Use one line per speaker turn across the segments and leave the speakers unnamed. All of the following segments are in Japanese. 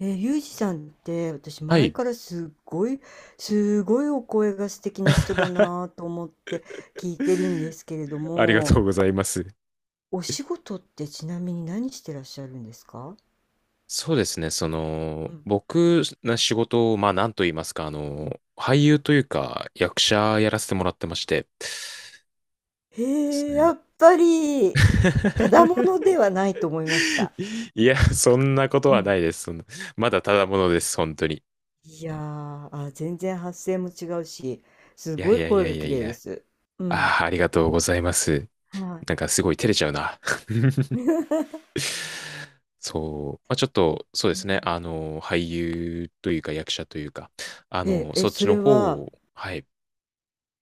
ユージさんって私
は
前
い。
からすごいお声が素敵な人だな と思って聞いてるんですけれど
ありが
も、
とうございます。
お仕事ってちなみに何してらっしゃるんですか？
そうですね。
うん。
僕の仕事を、まあ、なんと言いますか、俳優というか、役者やらせてもらってまして、です
へや
ね。
っぱりただも のではないと思いました。
いや、そんなこと
う
はな
ん。
いです。そんなまだただものです、本当に。
全然発声も違うし、す
いや
ご
い
い
やい
声
や
が
いや
綺
い
麗で
や。
す。うん、
ああ、ありがとうございます。
はい。
なんかすごい照れちゃうな。そう。まあ、ちょっと、そうですね。俳優というか役者というか、
ええ、え、
そっち
そ
の
れ
方
は、
を、はい。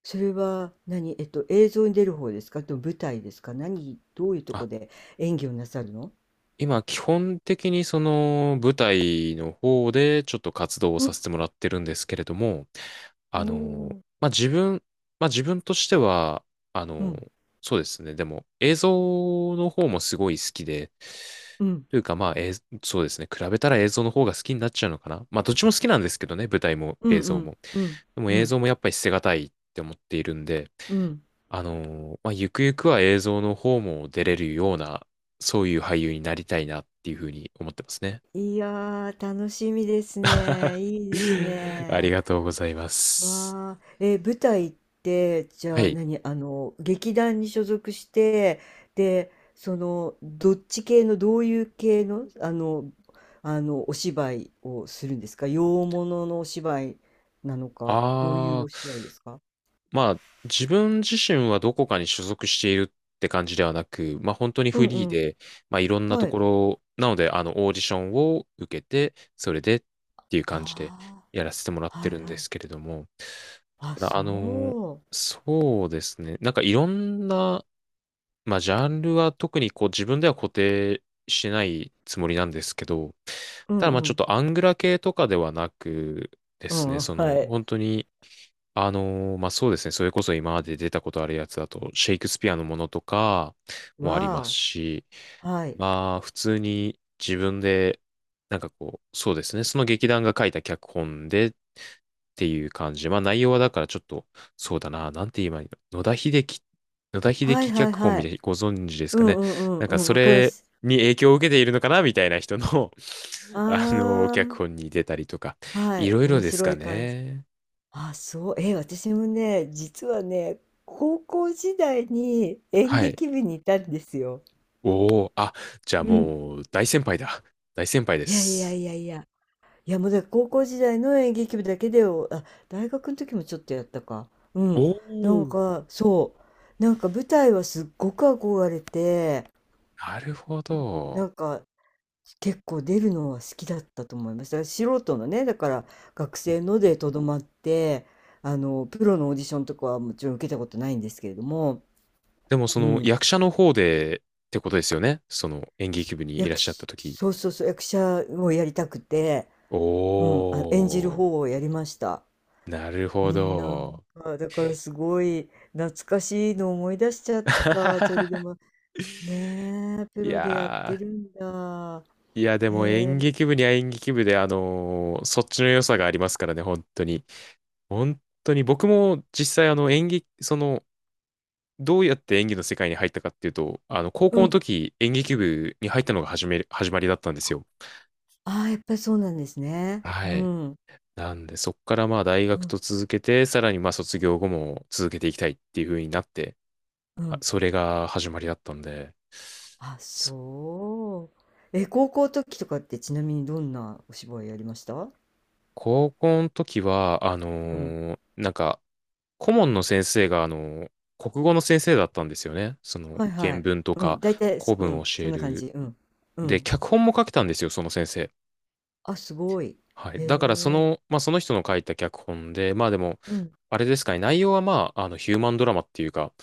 それは何、映像に出る方ですかと舞台ですか、何、どういうと
あ
こで演技をなさるの？
今、基本的にその舞台の方でちょっと活動を
う
さ
ん、
せてもらってるんですけれども、
お
あの、
お、
まあ、自分、まあ、自分としては、あ
う
の、
ん、
そうですね。でも、映像の方もすごい好きで、
うん、
というか、まあ、そうですね。比べたら映像の方が好きになっちゃうのかな。まあ、どっちも好きなんですけどね、舞台も
うん、
映
う
像
ん、
も。
うん、
でも
う
映
ん、
像もやっぱり捨てがたいって思っているんで、
うん。
まあ、ゆくゆくは映像の方も出れるような、そういう俳優になりたいなっていうふうに思ってますね。
いやー、楽しみですね。いいです
あり
ね。
がとうございます。
わあ、舞台って、じ
は
ゃあ
い。
何、劇団に所属して、で、どっち系の、どういう系の、お芝居をするんですか、洋物のお芝居なのか、どうい
あ
う
ー、
お芝居ですか？
まあ、自分自身はどこかに所属しているって感じではなく、まあ本当に
う
フ
んう
リー
ん。
で、まあいろんなと
はい。
ころ、なので、あの、オーディションを受けて、それでっていう感じで
あ
やらせてもらっ
あ、
て
はい
るん
は
で
い。
すけれども、
あ、
だからあのー
そ
そうですね。なんかいろんなまあ、ジャンルは特にこう自分では固定しないつもりなんですけど、
う。う
ただま
ん
あちょ
う
っ
ん。
とアングラ系とかではなくで
う
すね、
ん、
そ
は
の
い。
本当に、まあそうですね、それこそ今まで出たことあるやつだと、シェイクスピアのものとかもあります
わ
し、
あ。はい。
まあ普通に自分で、なんかこう、そうですね、その劇団が書いた脚本でっていう感じで。まあ内容はだからちょっと、そうだな、なんて言えばいいの。野田秀
はい
樹
はい
脚本
は
みた
い。
いにご存知です
う
か
んう
ね。
んうん
なん
う
か
ん。
そ
わかりま
れ
す。
に影響を受けているのかなみたいな人の あの、
あ
脚
あ。
本に出たりとか、
は
い
い、
ろいろ
面
です
白
か
い感じ。
ね。
あ、そう、え、私もね、実はね、高校時代に演
はい。
劇部にいたんですよ。
おお、あ、じゃあ
うん。
もう大先輩だ。大先輩で
いやいや
す。
いやいや、いやもうだから高校時代の演劇部だけでを、あ、大学の時もちょっとやったか。う
お
ん。なん
お、
か、そう。なんか舞台はすっごく憧れて、
なるほど。
なんか結構出るのは好きだったと思います。だから素人のね、だから学
うん、
生のでとどまって、プロのオーディションとかはもちろん受けたことないんですけれども、
でもそ
う
の
ん、
役者の方でってことですよね。その演劇部にいらっ
役
しゃった
し、
時。
そうそうそう、役者をやりたくて、う
お
ん、あ、演じる
お。
方をやりました。
なる
う
ほ
ん、なん
ど。
か、だからすごい懐かしいのを思い出しちゃった。それで も、ねえ、プ
い
ロでやって
や
るんだ。
ー、いや、でも
へ
演
え、
劇部には演劇部で、そっちの良さがありますからね、本当に。本当に、僕も実際、あの、演劇、その、どうやって演技の世界に入ったかっていうと、あの、高
う
校の
ん。
時、演劇部に入ったのが始める、始まりだったんですよ。
ああ、やっぱりそうなんですね。う
はい。
ん、
なんで、そっからまあ、大
う
学
ん、
と続けて、さらにまあ、卒業後も続けていきたいっていう風になって、
う
あ
ん。
それが始まりだったんで、
あ、
そ
そう。え、高校時とかってちなみにどんなお芝居やりました？
高校の時は、
うん。
なんか、顧問の先生が、ー国語の先生だったんですよね。その、
はいは
原
い。
文と
う
か、
ん。大体、
古
そ、う
文を
ん。
教
そ
え
んな感じ。
る。
うん。う
で、
ん。
脚本も書けたんですよ、その先生。
あ、すごい。
はい。
へ
だから、そ
え。
の、まあ、その人の書いた脚本で、まあでも、
うん。
あれですかね、内容はまあ、あの、ヒューマンドラマっていうか、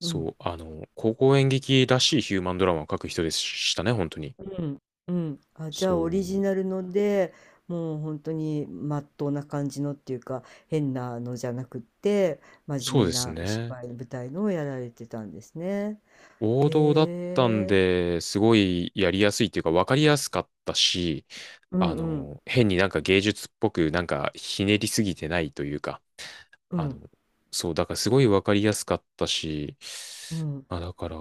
うん。
そう、あの、高校演劇らしいヒューマンドラマを書く人でしたね、本当に。
うん。うん。あ、じゃ
そ
あオリジ
う、
ナルので、もう本当にまっとうな感じのっていうか、変なのじゃなくって、真
そう
面
で
目
す
なお
ね。
芝居、舞台のをやられてたんですね。
王道だっ
へ
たん
え。
で、すごいやりやすいっていうか分かりやすかったし、
う
あ
んうん。
の、変になんか芸術っぽくなんかひねりすぎてないというか、
う
あの、
ん。
そう、だからすごい分かりやすかったし、
うん。
まあだから、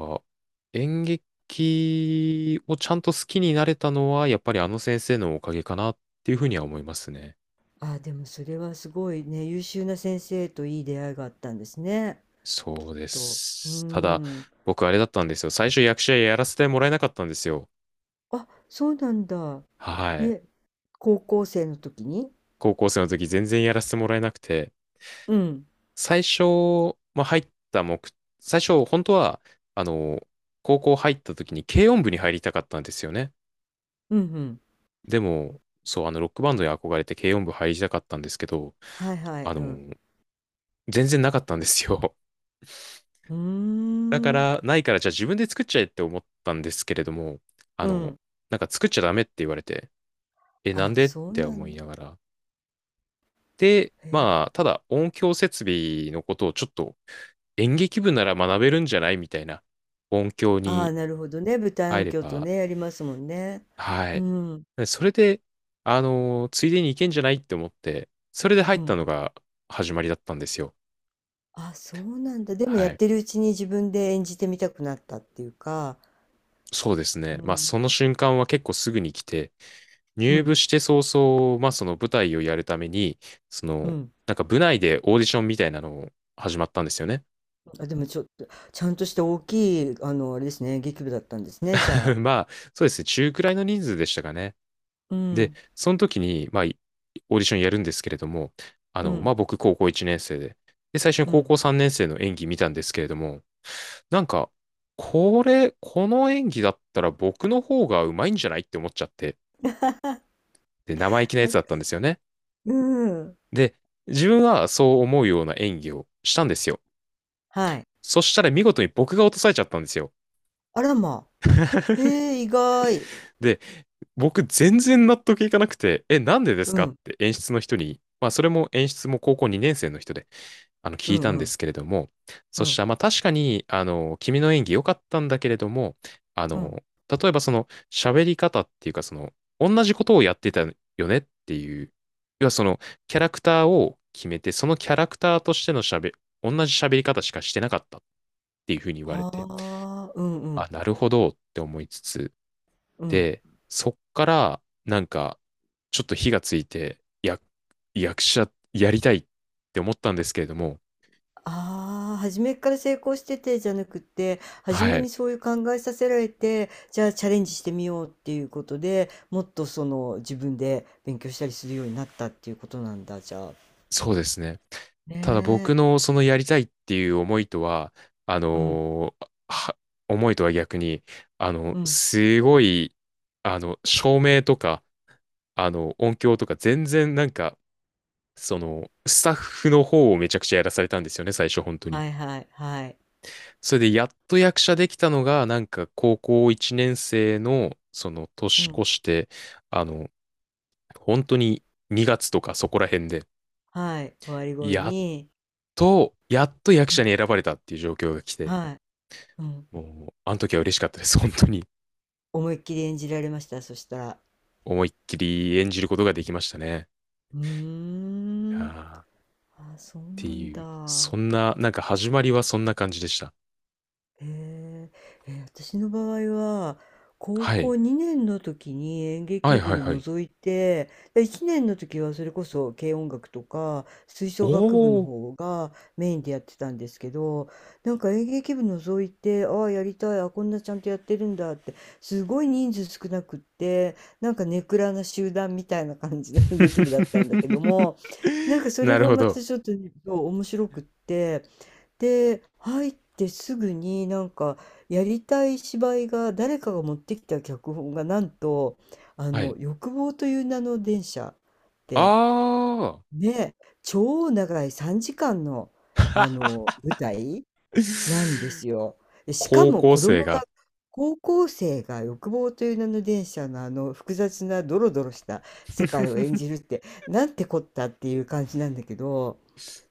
演劇をちゃんと好きになれたのは、やっぱりあの先生のおかげかなっていうふうには思いますね。
あ、でもそれはすごいね、優秀な先生といい出会いがあったんですね、きっ
そうで
と。う
す。ただ、
ん。
僕あれだったんですよ。最初役者やらせてもらえなかったんですよ。
あ、そうなんだ。
はい。
ね、高校生の時に。
高校生の時全然やらせてもらえなくて、
うん。
最初、まあ、入った目、最初、本当は、あの、高校入った時に軽音部に入りたかったんですよね。
うんうん。
でも、そう、あの、ロックバンドに憧れて軽音部入りたかったんですけど、
はいはい。
あ
うん。
の、全然なかったんですよ。
うー
だから、
ん。
ないから、じゃあ自分で作っちゃえって思ったんですけれども、あ
う
の、
ん。
なんか作っちゃダメって言われて、え、なん
あ、
でっ
そう
て
な
思
ん
い
だ。
ながら、で、
へえ。
まあ、ただ音響設備のことをちょっと演劇部なら学べるんじゃないみたいな音響
ああ、
に
なるほどね。舞台
入
音
れ
響と
ば、
ね、やりますもんね。
は
う
い。
ん。
それで、ついでに行けんじゃないって思って、それで入
う
った
ん。
のが始まりだったんですよ。
あ、そうなんだ。でも
は
やっ
い。
てるうちに自分で演じてみたくなったっていうか。
そうです
う
ね。まあ、
ん。
その瞬間は結構すぐに来て、
う
入部
ん。
して早々、まあ、その舞台をやるために、そ
う
の、
ん。
なんか部内でオーディションみたいなのを始まったんですよね。
あ、でもちょっと、ちゃんとした大きい、あれですね、劇部だったんですね、じゃ あ。
まあ、そうですね。中くらいの人数でしたかね。
う
で、
ん、
その時に、まあ、オーディションやるんですけれども、あ
う
の、ま
ん、
あ、僕、高校1年生で、で、最初に
う
高
ん。
校3年生の演技見たんですけれども、なんか、これ、この演技だったら僕の方がうまいんじゃないって思っちゃって、で、生意気なやつだった
わ
んですよね。
うん。
で、自分はそう思うような演技をしたんですよ。
はい。
そしたら見事に僕が落とされちゃったんですよ。
あらま。へえ、意外。
で、僕全然納得いかなくて、え、なんでです
う
かっ
ん、
て演出の人に、まあそれも演出も高校2年生の人で
う
聞い
ん、
たん
う
で
ん、
すけれども、
う
そし
ん、
たら、まあ確かに、あの、君の演技良かったんだけれども、あ
うん。
の、例えばその、喋り方っていうか、同じことをやってたよねっていう、要はその、キャラクターを決めて、そのキャラクターとしての喋、同じ喋り方しかしてなかったっていうふうに言われ
は
て、
あ、うん、う
あ、
ん、
なるほどって思いつつ、
うん。
で、そっから、なんか、ちょっと火がついて、役者やりたいって思ったんですけれども、
ああ、初めから成功しててじゃなくて、初め
はい。
にそういう考えさせられて、じゃあチャレンジしてみようっていうことで、もっとその自分で勉強したりするようになったっていうことなんだ、じゃあ。
そうですね。
ね
ただ僕
え。
のそのやりたいっていう思いとは、あ
うん。
のーは思いとは逆に、あの、
うん。
すごい、あの、照明とか、あの、音響とか、全然なんか、その、スタッフの方をめちゃくちゃやらされたんですよね、最初、本当に。
はいはいはい。
それで、やっと役者できたのが、なんか、高校1年生の、その、
う
年
ん。
越して、あの、本当に2月とかそこら辺で、
はい。終わり頃
やっ
に、
やっと役
う
者
ん。
に選ばれたっていう状況が来て、
はい。うん。
もう、あの時は嬉しかったです。本当に。
思いっきり演じられました？そしたら。
思いっきり演じることができましたね。
うー
あ
ん。
ーっ
ああ、そうな
て
ん
いう。
だ。
そんな、なんか始まりはそんな感じでした。
へえ、私の場合は、高
はい。
校2年の時に演
は
劇
いはい
部
はい。
除いて、で1年の時はそれこそ軽音楽とか吹奏楽部の
おー。
方がメインでやってたんですけど、なんか演劇部除いて、ああ、やりたい、あ、こんなちゃんとやってるんだって、すごい人数少なくって、なんかネクラな集団みたいな感じの演劇部だったんだけども、なんか それ
なる
が
ほ
ま
ど。
たちょっとねそう面白くって、で、入ってすぐになんかやりたい芝居が誰かが持ってきた脚本がなんと「あ
は
の
い。
欲望という名の電車」って、
あ
ね、超長い3時間の、あの舞台なんで
ー。
すよ。で、しか
高
も
校
子供
生
が、
が。
高校生が欲望という名の電車のあの複雑なドロドロした世界を演 じるって、なんてこったっていう感じなんだけど。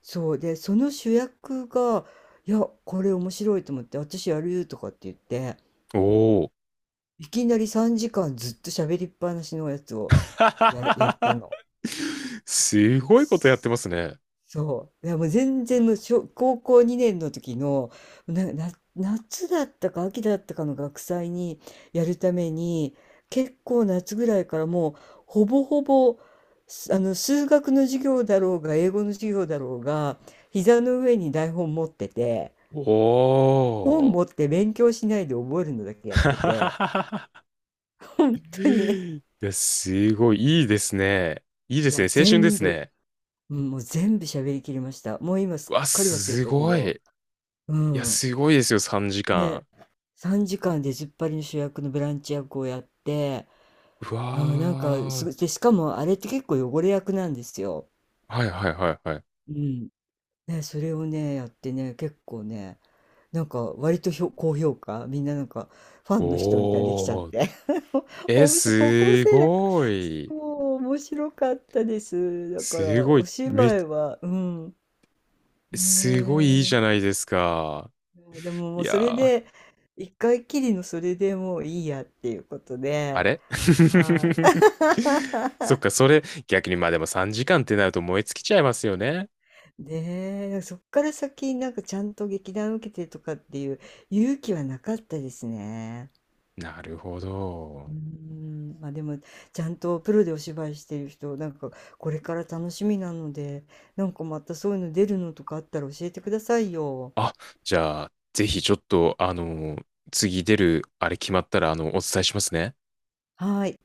そうで、その主役が、いや、これ面白いと思って、私やるとかって言って、
おー。
いきなり3時間ずっと喋りっぱなしのやつをやったの。
すごいことやってますね。
そう。いや、もう全然もう小、高校2年の時の、な、な、夏だったか秋だったかの学祭にやるために、結構夏ぐらいからもう、ほぼほぼ、すあの、数学の授業だろうが、英語の授業だろうが、膝の上に台本持ってて、
お
本持
ー。
って勉強しないで覚えるのだけやってて、本当に、
いや、すごい、いいですね。いいで
い
す
や、
ね。青春で
全
す
部、
ね。
うん、もう全部喋りきりました。もう今す
う
っ
わ、
かり忘れ
す
たけ
ごい。
ど、
い
う
や、
ん。
すごいですよ、3時
で、
間。
3時間で出ずっぱりの主役のブランチ役をやって、
うわ
うん、なんかす
ー。
ごい、で、しかもあれって結構汚れ役なんですよ。
はいはいはいはい。
うん。ね、それをね、やってね、結構ね、なんか割と高評価、みんななんかファンの人みたいにできちゃっ
おー。
て。
え、
面白い、高校
す
生だから、
ごい。
そう、面白かったです。だか
す
ら、
ご
お
い、め、
芝居は、うん、
すごいいい
ね
じゃ
え。
ないですか。
でもも
い
う
や
それ
ー、
で、一回きりのそれでもういいやっていうこと
あ
で、
れ
はい。
そっか、それ、逆に、まあでも3時間ってなると燃え尽きちゃいますよね。
ねえ、そっから先、なんかちゃんと劇団受けてとかっていう勇気はなかったですね。
なるほ
うー
ど。
ん、まあでも、ちゃんとプロでお芝居してる人、なんかこれから楽しみなので、なんかまたそういうの出るのとかあったら教えてくださいよ。
あ、じゃあ、ぜひちょっと、あの、次出る、あれ決まったら、あの、お伝えしますね。
はい。